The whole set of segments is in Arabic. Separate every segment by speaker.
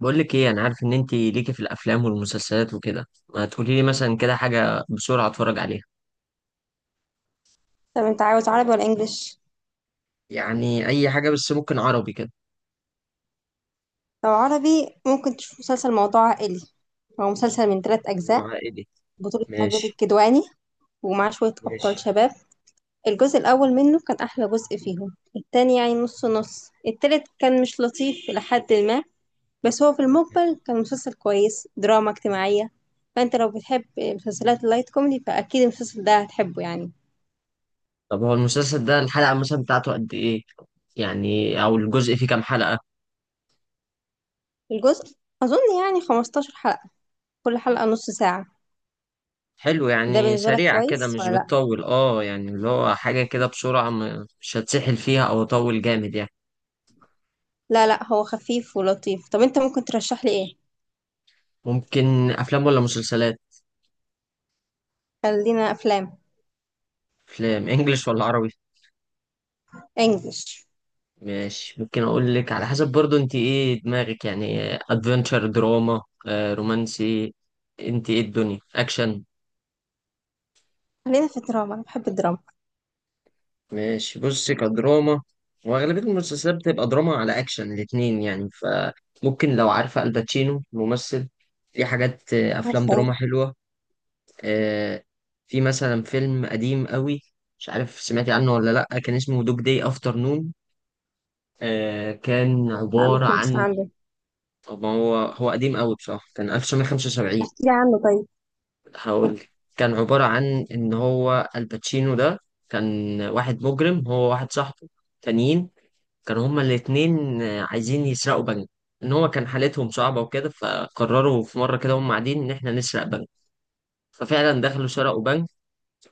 Speaker 1: بقول لك ايه، انا عارف ان انت ليكي في الافلام والمسلسلات وكده. ما تقولي لي مثلا كده حاجه بسرعه اتفرج عليها.
Speaker 2: طب انت عاوز عربي ولا انجليش؟
Speaker 1: يعني اي حاجه، بس ممكن عربي كده.
Speaker 2: لو عربي ممكن تشوف مسلسل موضوع عائلي. هو مسلسل من ثلاث اجزاء،
Speaker 1: وعائلي.
Speaker 2: بطولة ماجد
Speaker 1: ماشي.
Speaker 2: الكدواني ومعاه شوية أبطال
Speaker 1: ماشي.
Speaker 2: شباب. الجزء الأول منه كان أحلى جزء فيهم، التاني يعني نص نص، التالت كان مش لطيف إلى حد ما. بس هو في المقبل كان مسلسل كويس، دراما اجتماعية. فأنت لو بتحب مسلسلات اللايت كوميدي فأكيد المسلسل ده هتحبه يعني.
Speaker 1: طب هو المسلسل ده الحلقه مثلا بتاعته قد ايه؟ يعني او الجزء فيه كام حلقه؟
Speaker 2: الجزء أظن يعني 15 حلقة، كل حلقة نص ساعة.
Speaker 1: حلو،
Speaker 2: ده
Speaker 1: يعني
Speaker 2: بالنسبة لك
Speaker 1: سريع كده
Speaker 2: كويس
Speaker 1: مش
Speaker 2: ولا لأ؟
Speaker 1: بتطول. اه يعني اللي هو حاجه كده بسرعه، مش هتسحل فيها او اطول جامد يعني.
Speaker 2: لا لا هو خفيف ولطيف. طب انت ممكن ترشح لي ايه؟
Speaker 1: ممكن افلام ولا مسلسلات؟
Speaker 2: خلينا افلام.
Speaker 1: افلام انجلش ولا عربي؟
Speaker 2: انجلش.
Speaker 1: ماشي. ممكن اقول لك على حسب برضو انت ايه دماغك، يعني ادفنتشر، دراما، رومانسي، انت ايه الدنيا، اكشن.
Speaker 2: خلينا في الدراما، انا بحب الدراما.
Speaker 1: ماشي، بصي كدراما. واغلبيه المسلسلات بتبقى دراما على اكشن الاتنين يعني. فممكن، لو عارفه الباتشينو ممثل، في حاجات افلام
Speaker 2: عارفه ايه؟
Speaker 1: دراما حلوه. آه، في مثلا فيلم قديم قوي، مش عارف سمعتي عنه ولا لا، كان اسمه دوج داي افترنون. كان
Speaker 2: لا ما
Speaker 1: عباره
Speaker 2: سمعتش
Speaker 1: عن...
Speaker 2: عنه.
Speaker 1: طب ما هو قديم قوي بصراحه، كان 1975.
Speaker 2: احكي لي عنه طيب.
Speaker 1: هقول لك. كان عبارة عن إن هو الباتشينو ده كان واحد مجرم، هو واحد صاحبه تانيين، كانوا هما الاتنين عايزين يسرقوا بنك. إن هو كان حالتهم صعبة وكده، فقرروا في مرة كده هما قاعدين إن إحنا نسرق بنك. ففعلا دخلوا سرقوا بنك.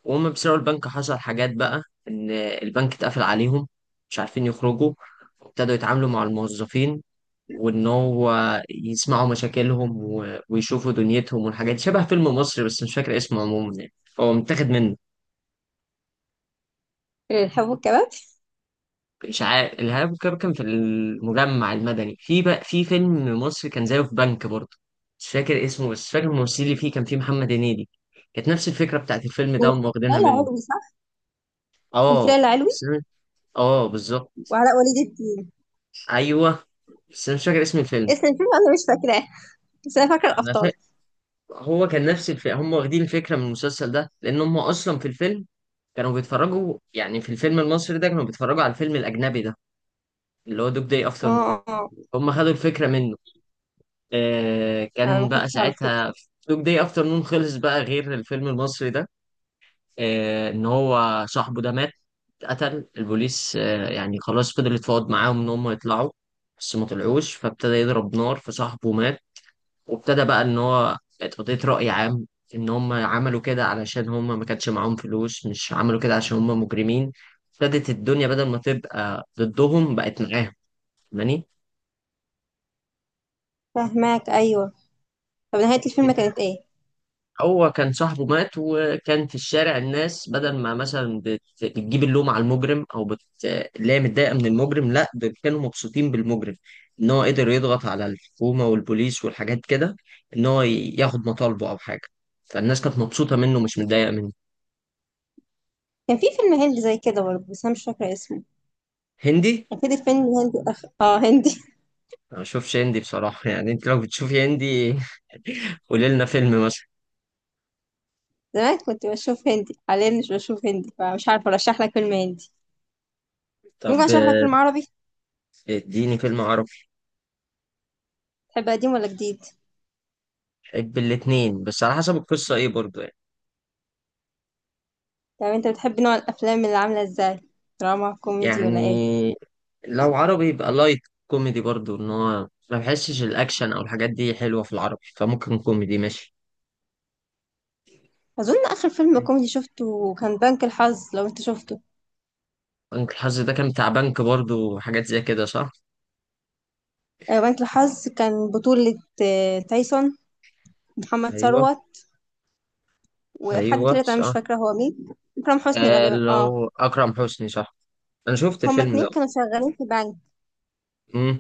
Speaker 1: وهم بيسرقوا البنك حصل حاجات بقى، ان البنك اتقفل عليهم، مش عارفين يخرجوا، وابتدوا يتعاملوا مع الموظفين، وان هو يسمعوا مشاكلهم ويشوفوا دنيتهم والحاجات دي. شبه فيلم مصري بس مش فاكر اسمه عموما يعني، هو متاخد منه.
Speaker 2: إيه، الحب والكباب.
Speaker 1: اشعاع الارهاب. كان في المجمع المدني، في بقى في فيلم مصري كان زيه، في بنك برضه. مش فاكر اسمه بس فاكر الممثل اللي فيه، كان فيه محمد هنيدي. كانت نفس الفكره بتاعت الفيلم ده، هم واخدينها
Speaker 2: هلا
Speaker 1: منه.
Speaker 2: علوي صح؟ كان في
Speaker 1: اه.
Speaker 2: ليلى علوي
Speaker 1: بس- اه بالظبط.
Speaker 2: وعلاء ولي الدين.
Speaker 1: ايوه. بس انا مش فاكر اسم الفيلم.
Speaker 2: اسم الفيلم انا مش فاكراه، بس انا فاكره
Speaker 1: انا
Speaker 2: الابطال.
Speaker 1: فاكر، هو كان نفس الفيلم، هم واخدين الفكره من المسلسل ده، لان هم اصلا في الفيلم كانوا بيتفرجوا، يعني في الفيلم المصري ده كانوا بيتفرجوا على الفيلم الاجنبي ده، اللي هو دوج داي
Speaker 2: اه
Speaker 1: افتر نون.
Speaker 2: اه،
Speaker 1: هم خدوا الفكره منه. آه،
Speaker 2: انا
Speaker 1: كان
Speaker 2: ما
Speaker 1: بقى
Speaker 2: كنتش اعرف كده.
Speaker 1: ساعتها دوج داي افتر نون خلص بقى، غير الفيلم المصري ده. آه، ان هو صاحبه ده مات، قتل البوليس. يعني خلاص، فضل يتفاوض معاهم ان هم يطلعوا، بس ما طلعوش، فابتدى يضرب نار فصاحبه مات. وابتدى بقى ان هو اتقضيت رأي عام، ان هم عملوا كده علشان هم ما كانش معاهم فلوس، مش عملوا كده عشان هم مجرمين. ابتدت الدنيا بدل ما تبقى ضدهم بقت معاهم. فاهماني؟
Speaker 2: فاهماك ايوه. طب نهايه الفيلم كانت ايه؟
Speaker 1: هو كان صاحبه مات، وكان في الشارع الناس بدل ما مثلا بتجيب اللوم على المجرم او اللي هي متضايقه من المجرم، لا دول كانوا مبسوطين بالمجرم، ان هو قدر يضغط على الحكومه والبوليس والحاجات كده، ان هو ياخد مطالبه او حاجه. فالناس كانت مبسوطه منه، مش متضايقه منه.
Speaker 2: كان في فيلم هندي زي كده برضه بس انا مش فاكره اسمه.
Speaker 1: هندي؟
Speaker 2: كان في فيلم هندي اه هندي.
Speaker 1: ما بشوفش هندي بصراحة يعني، انت لو بتشوفي هندي قولي لنا فيلم مثلا.
Speaker 2: زمان كنت بشوف هندي، حاليا مش بشوف هندي فمش عارفة أرشح لك فيلم هندي. ممكن
Speaker 1: طب،
Speaker 2: أشرح لك فيلم عربي.
Speaker 1: اديني فيلم عربي.
Speaker 2: تحب قديم ولا جديد؟
Speaker 1: بحب الاتنين، بس على حسب القصة ايه برضو يعني.
Speaker 2: طب أنت بتحب نوع الأفلام اللي عاملة إزاي؟ دراما كوميدي
Speaker 1: يعني
Speaker 2: ولا إيه؟
Speaker 1: لو عربي يبقى لايت كوميدي برضو، ان هو ما بحسش الاكشن او الحاجات دي حلوة في العربي، فممكن كوميدي ماشي.
Speaker 2: أظن آخر فيلم كوميدي شفته كان بنك الحظ، لو أنت شفته.
Speaker 1: بنك الحظ ده كان بتاع بنك برضو، حاجات زي كده صح؟
Speaker 2: بنك الحظ كان بطولة تايسون، محمد
Speaker 1: ايوه.
Speaker 2: ثروت، وحد
Speaker 1: ايوه
Speaker 2: تالت أنا مش
Speaker 1: صح.
Speaker 2: فاكرة هو مين. إكرام حسني غالبا، آه.
Speaker 1: لو اكرم حسني صح. انا شفت
Speaker 2: هما
Speaker 1: الفيلم ده.
Speaker 2: اتنين كانوا شغالين في بنك،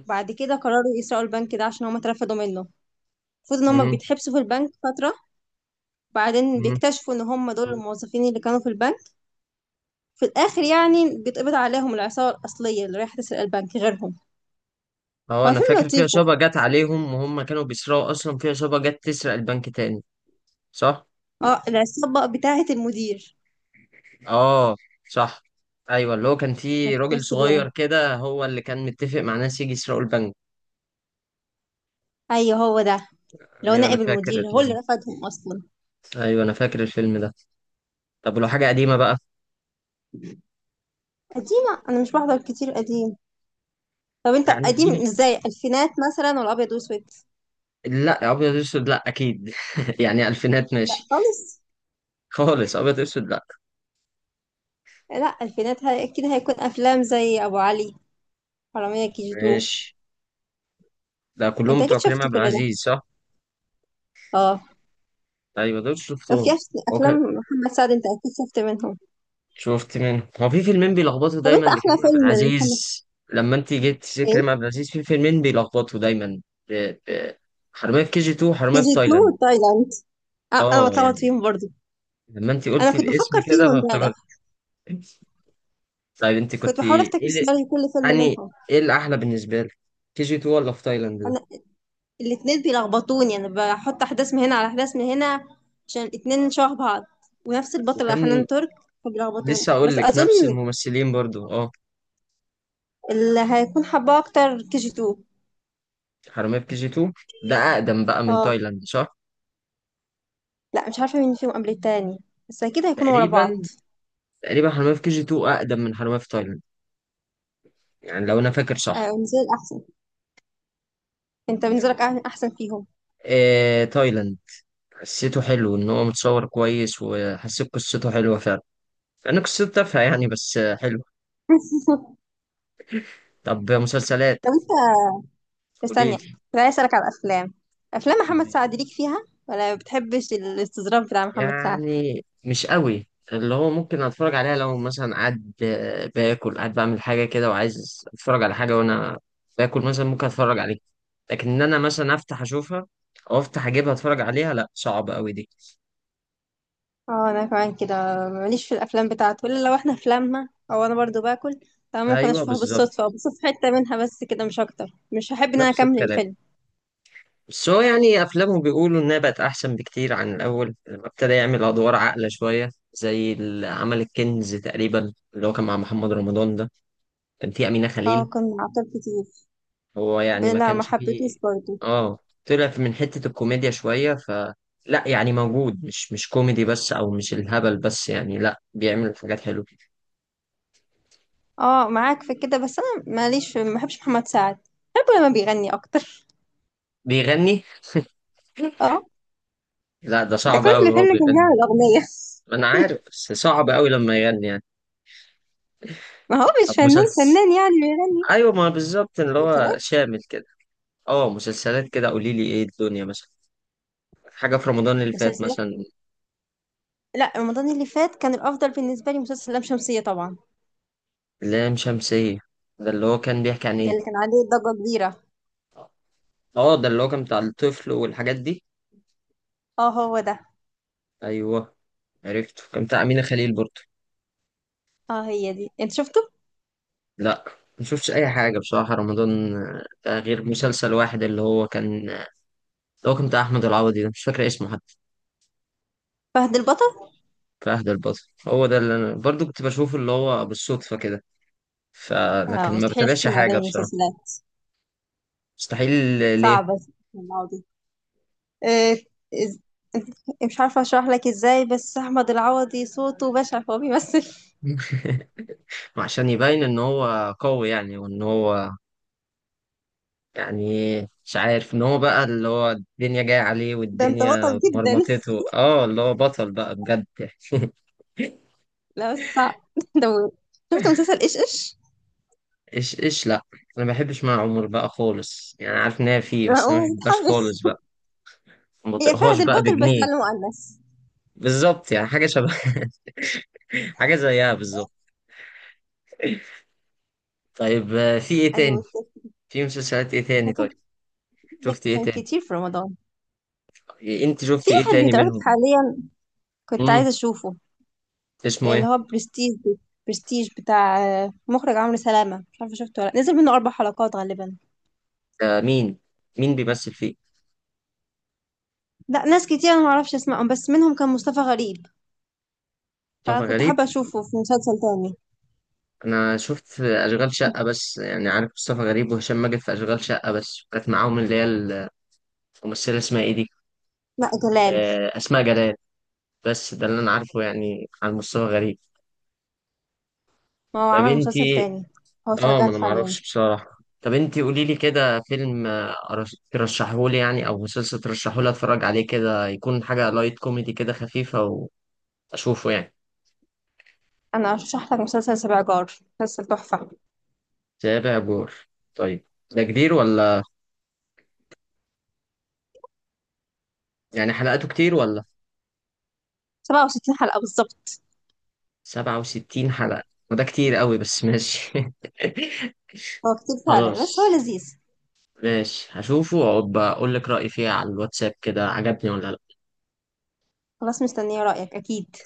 Speaker 2: بعد كده قرروا يسرقوا البنك ده عشان هما اترفدوا منه. المفروض ان هما
Speaker 1: امم
Speaker 2: بيتحبسوا في البنك فترة، بعدين بيكتشفوا ان هم دول الموظفين اللي كانوا في البنك. في الاخر يعني بيتقبض عليهم العصابه الاصليه اللي رايحه تسرق البنك غيرهم.
Speaker 1: اه
Speaker 2: هو
Speaker 1: انا
Speaker 2: فيلم
Speaker 1: فاكر في
Speaker 2: لطيف
Speaker 1: عصابة جت عليهم، وهم كانوا بيسرقوا اصلا في عصابة جت تسرق البنك تاني، صح؟
Speaker 2: اه، العصابه بتاعه المدير.
Speaker 1: اه. صح. ايوه اللي هو كان في
Speaker 2: كانت في
Speaker 1: راجل
Speaker 2: نفس
Speaker 1: صغير
Speaker 2: اليوم.
Speaker 1: كده هو اللي كان متفق مع ناس يجي يسرقوا البنك.
Speaker 2: ايوه هو ده، لو
Speaker 1: ايوه انا
Speaker 2: نائب
Speaker 1: فاكر
Speaker 2: المدير هو اللي رفضهم اصلا.
Speaker 1: ايوه انا فاكر الفيلم ده. طب ولو حاجة قديمة بقى؟
Speaker 2: قديمه انا مش بحضر كتير قديم. طب انت
Speaker 1: يعني
Speaker 2: قديم
Speaker 1: اديني.
Speaker 2: ازاي؟ الفينات مثلا ولا ابيض واسود؟
Speaker 1: لا ابيض اسود لا اكيد يعني الفينات
Speaker 2: لا
Speaker 1: ماشي.
Speaker 2: خالص.
Speaker 1: خالص ابيض اسود لا.
Speaker 2: لا الفينات اكيد هيكون افلام زي ابو علي، حراميه كي جي تو.
Speaker 1: ماشي. ده
Speaker 2: انت
Speaker 1: كلهم بتوع
Speaker 2: اكيد
Speaker 1: كريم
Speaker 2: شفت
Speaker 1: عبد
Speaker 2: كل ده.
Speaker 1: العزيز صح؟
Speaker 2: اه،
Speaker 1: ايوه دول
Speaker 2: وفي
Speaker 1: شفتهم. هو
Speaker 2: افلام محمد سعد انت اكيد شفت منهم.
Speaker 1: شفت منه، هو في فيلمين بيلخبطوا
Speaker 2: طب
Speaker 1: دايما
Speaker 2: انت احلى
Speaker 1: لكريم عبد
Speaker 2: فيلم لمحمد.
Speaker 1: العزيز. لما انت جيت تسير
Speaker 2: سلام.
Speaker 1: كريم عبد العزيز في فيلمين بيلخبطوا دايما. ب... ب... حرامية في كي جي 2
Speaker 2: كي
Speaker 1: وحرامية في
Speaker 2: جي 2
Speaker 1: تايلاند.
Speaker 2: وتايلاند. اه، انا
Speaker 1: اه
Speaker 2: بتلخبط
Speaker 1: يعني،
Speaker 2: فيهم برضو.
Speaker 1: لما انت
Speaker 2: انا
Speaker 1: قلتي
Speaker 2: كنت
Speaker 1: الاسم
Speaker 2: بفكر فيهم
Speaker 1: كده
Speaker 2: امبارح،
Speaker 1: فافتكرت. طيب انت
Speaker 2: كنت
Speaker 1: كنت
Speaker 2: بحاول
Speaker 1: ايه
Speaker 2: افتكر سيناريو كل فيلم منهم.
Speaker 1: يعني ايه الاحلى بالنسبة لك، كي جي 2 ولا في تايلاند ده؟
Speaker 2: انا الاتنين بيلخبطوني، انا بحط احداث من هنا على احداث من هنا عشان الاتنين شبه بعض، ونفس البطلة
Speaker 1: وكان...
Speaker 2: حنان ترك. فبيلخبطوني
Speaker 1: لسه اقول
Speaker 2: بس
Speaker 1: لك
Speaker 2: اظن
Speaker 1: نفس الممثلين برضو اه.
Speaker 2: اللي هيكون حباه اكتر كي جي 2.
Speaker 1: حرامية في كي جي 2 ده اقدم بقى من
Speaker 2: اه.
Speaker 1: تايلاند صح؟
Speaker 2: لا مش عارفة مين فيهم قبل التاني، بس اكيد هيكونوا ورا بعض.
Speaker 1: تقريبا، تقريبا حرامية في كي جي 2 اقدم من حرامية في تايلاند، يعني لو انا فاكر
Speaker 2: آه
Speaker 1: صح.
Speaker 2: بالنسبة لي احسن. انت بالنسبة لك احسن فيهم؟
Speaker 1: إيه تايلاند، حسيته حلو، ان هو متصور كويس وحسيت قصته حلوة فعلا. انا قصته تافهة يعني بس حلو. طب مسلسلات؟
Speaker 2: طب انت، بس ثانية.
Speaker 1: قوليلي.
Speaker 2: أنا عايز أسألك على الأفلام. أفلام محمد
Speaker 1: ماشي.
Speaker 2: سعد ليك فيها، ولا ما بتحبش الاستظراف بتاع محمد سعد؟
Speaker 1: يعني مش قوي، اللي هو ممكن اتفرج عليها لو مثلا قاعد باكل، قاعد بعمل حاجة كده وعايز اتفرج على حاجة وانا باكل مثلا ممكن اتفرج عليها. لكن ان انا مثلا افتح اشوفها او افتح اجيبها اتفرج عليها، لا صعب قوي دي.
Speaker 2: اه أنا كمان كده، ماليش في الأفلام بتاعته إلا لو احنا في لمة أو أنا برضو باكل، فممكن
Speaker 1: ايوه
Speaker 2: أشوفها
Speaker 1: بالظبط.
Speaker 2: بالصدفة أو بشوف حتة منها بس كده، مش أكتر. مش هحب إن أنا
Speaker 1: نفس
Speaker 2: أكمل
Speaker 1: الكلام.
Speaker 2: الفيلم.
Speaker 1: بس هو يعني أفلامه بيقولوا إنها بقت أحسن بكتير عن الأول، لما ابتدى يعمل أدوار عاقلة شوية، زي اللي عمل الكنز تقريبا، اللي هو كان مع محمد رمضان ده، كان فيه أمينة
Speaker 2: اه
Speaker 1: خليل.
Speaker 2: كان عطل كتير،
Speaker 1: هو يعني ما
Speaker 2: بلا ما
Speaker 1: كانش
Speaker 2: حبيتوش
Speaker 1: فيه.
Speaker 2: برضو.
Speaker 1: آه، طلع من حتة الكوميديا شوية ف... لا يعني موجود، مش كوميدي بس، أو مش الهبل بس يعني، لا بيعمل حاجات حلوة.
Speaker 2: اه معاك في كده، بس أنا ماليش في، ما بحبش محمد سعد. بحبه لما بيغني أكتر.
Speaker 1: بيغني؟
Speaker 2: اه،
Speaker 1: لا ده
Speaker 2: ده
Speaker 1: صعب أوي
Speaker 2: كل
Speaker 1: هو
Speaker 2: فيلم كان
Speaker 1: بيغني.
Speaker 2: بيعمل أغنية.
Speaker 1: ما أنا عارف بس صعب أوي لما يغني يعني.
Speaker 2: ما هو مش
Speaker 1: طب
Speaker 2: فنان
Speaker 1: مسلسل؟
Speaker 2: فنان يعني بيغني.
Speaker 1: أيوة ما بالظبط، اللي هو
Speaker 2: مسلسلات.
Speaker 1: شامل كده. اه، مسلسلات كده قولي لي ايه الدنيا مثلا، حاجة في رمضان اللي فات
Speaker 2: مسلسلات.
Speaker 1: مثلا.
Speaker 2: لا رمضان اللي فات كان الافضل بالنسبه لي مسلسل لام شمسيه طبعا.
Speaker 1: لام شمسية، ده اللي هو كان بيحكي عن
Speaker 2: ده
Speaker 1: ايه؟
Speaker 2: اللي كان عليه ضجه كبيره.
Speaker 1: اه ده اللي هو كان بتاع الطفل والحاجات دي.
Speaker 2: اه هو ده.
Speaker 1: ايوه. عرفته، كان بتاع أمينة خليل برضه.
Speaker 2: اه، هي دي انت شفته؟
Speaker 1: لا ما شفتش اي حاجة بصراحة رمضان، ده غير مسلسل واحد اللي هو كان، اللي هو كان بتاع احمد العوضي ده مش فاكر اسمه حتى.
Speaker 2: فهد البطل.
Speaker 1: في عهد البطل. هو ده اللي انا برضه كنت بشوفه، اللي هو بالصدفة كده.
Speaker 2: اه
Speaker 1: فلكن ما
Speaker 2: مستحيل اشوف
Speaker 1: بتابعش
Speaker 2: من عدد
Speaker 1: حاجة بصراحة.
Speaker 2: المسلسلات،
Speaker 1: مستحيل. ليه؟
Speaker 2: صعبه. العوضي، آه إز- مش عارفه اشرح لك ازاي، بس احمد العوضي صوته بشع فهو بيمثل.
Speaker 1: عشان يبين ان هو قوي يعني، وان هو يعني مش عارف، ان هو بقى اللي هو الدنيا جاية عليه
Speaker 2: ده انت بطل
Speaker 1: والدنيا
Speaker 2: جدا.
Speaker 1: مرمطته، اه اللي هو بطل بقى بجد.
Speaker 2: لا بس صعب، ده. شفت مسلسل ايش ايش؟
Speaker 1: ايش ايش؟ لا انا ما بحبش مع عمر بقى خالص يعني، عارف ان هي فيه
Speaker 2: لا
Speaker 1: بس أنا ما
Speaker 2: هو
Speaker 1: بحبهاش
Speaker 2: متحمس،
Speaker 1: خالص بقى. ما
Speaker 2: هي
Speaker 1: بطيقهاش
Speaker 2: فهد
Speaker 1: بقى
Speaker 2: البطل بس
Speaker 1: بجنيه.
Speaker 2: على مؤنث.
Speaker 1: بالظبط يعني حاجة شبه حاجة زيها بالظبط. طيب، في ايه تاني؟
Speaker 2: ايوه بالظبط.
Speaker 1: في مسلسلات ايه
Speaker 2: ده
Speaker 1: تاني طيب؟
Speaker 2: كان، ده
Speaker 1: شفت ايه
Speaker 2: كان
Speaker 1: تاني؟
Speaker 2: كتير في رمضان.
Speaker 1: انت شفت
Speaker 2: في
Speaker 1: ايه
Speaker 2: واحد
Speaker 1: تاني
Speaker 2: بيتعرض
Speaker 1: منهم؟
Speaker 2: حاليا، كنت
Speaker 1: امم
Speaker 2: عايزة اشوفه.
Speaker 1: اسمه
Speaker 2: اللي
Speaker 1: ايه؟
Speaker 2: هو برستيج. برستيج بتاع مخرج عمرو سلامة، مش عارفة شفته ولا لأ. نزل منه اربع حلقات غالبا.
Speaker 1: آه مين؟ مين بيمثل فيه؟
Speaker 2: لا، ناس كتير انا معرفش اسمائهم بس منهم كان مصطفى غريب،
Speaker 1: مصطفى
Speaker 2: فكنت
Speaker 1: غريب؟
Speaker 2: حابة اشوفه في مسلسل تاني.
Speaker 1: انا شفت في اشغال شقه بس، يعني عارف مصطفى غريب وهشام ماجد في اشغال شقه، بس كانت معاهم اللي هي الممثله اسمها ايه دي،
Speaker 2: لا جلال.
Speaker 1: آه، اسماء جلال. بس ده اللي انا عارفه يعني عن مصطفى غريب.
Speaker 2: ما هو
Speaker 1: طب
Speaker 2: عمل مسلسل
Speaker 1: انتي...
Speaker 2: تاني، هو
Speaker 1: اه ما انا
Speaker 2: شغال حاليا.
Speaker 1: معرفش بصراحه، طب انتي قولي لي كده فيلم ترشحه لي يعني، او مسلسل ترشحه لي اتفرج عليه كده، يكون حاجه لايت كوميدي كده خفيفه واشوفه يعني.
Speaker 2: انا ارشح لك مسلسل سبع جار، مسلسل تحفة.
Speaker 1: تابع جور؟ طيب. ده كبير ولا؟ يعني حلقاته كتير ولا؟
Speaker 2: 67 حلقة بالظبط.
Speaker 1: 67 حلقة؟ وده كتير قوي بس ماشي
Speaker 2: هو كتير فعلا بس هو
Speaker 1: خلاص.
Speaker 2: لذيذ.
Speaker 1: ماشي هشوفه وأبقى أقول لك رأيي فيها على الواتساب كده، عجبني ولا لأ.
Speaker 2: خلاص مستنية رأيك اكيد.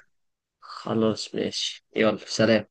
Speaker 1: خلاص ماشي، يلا سلام.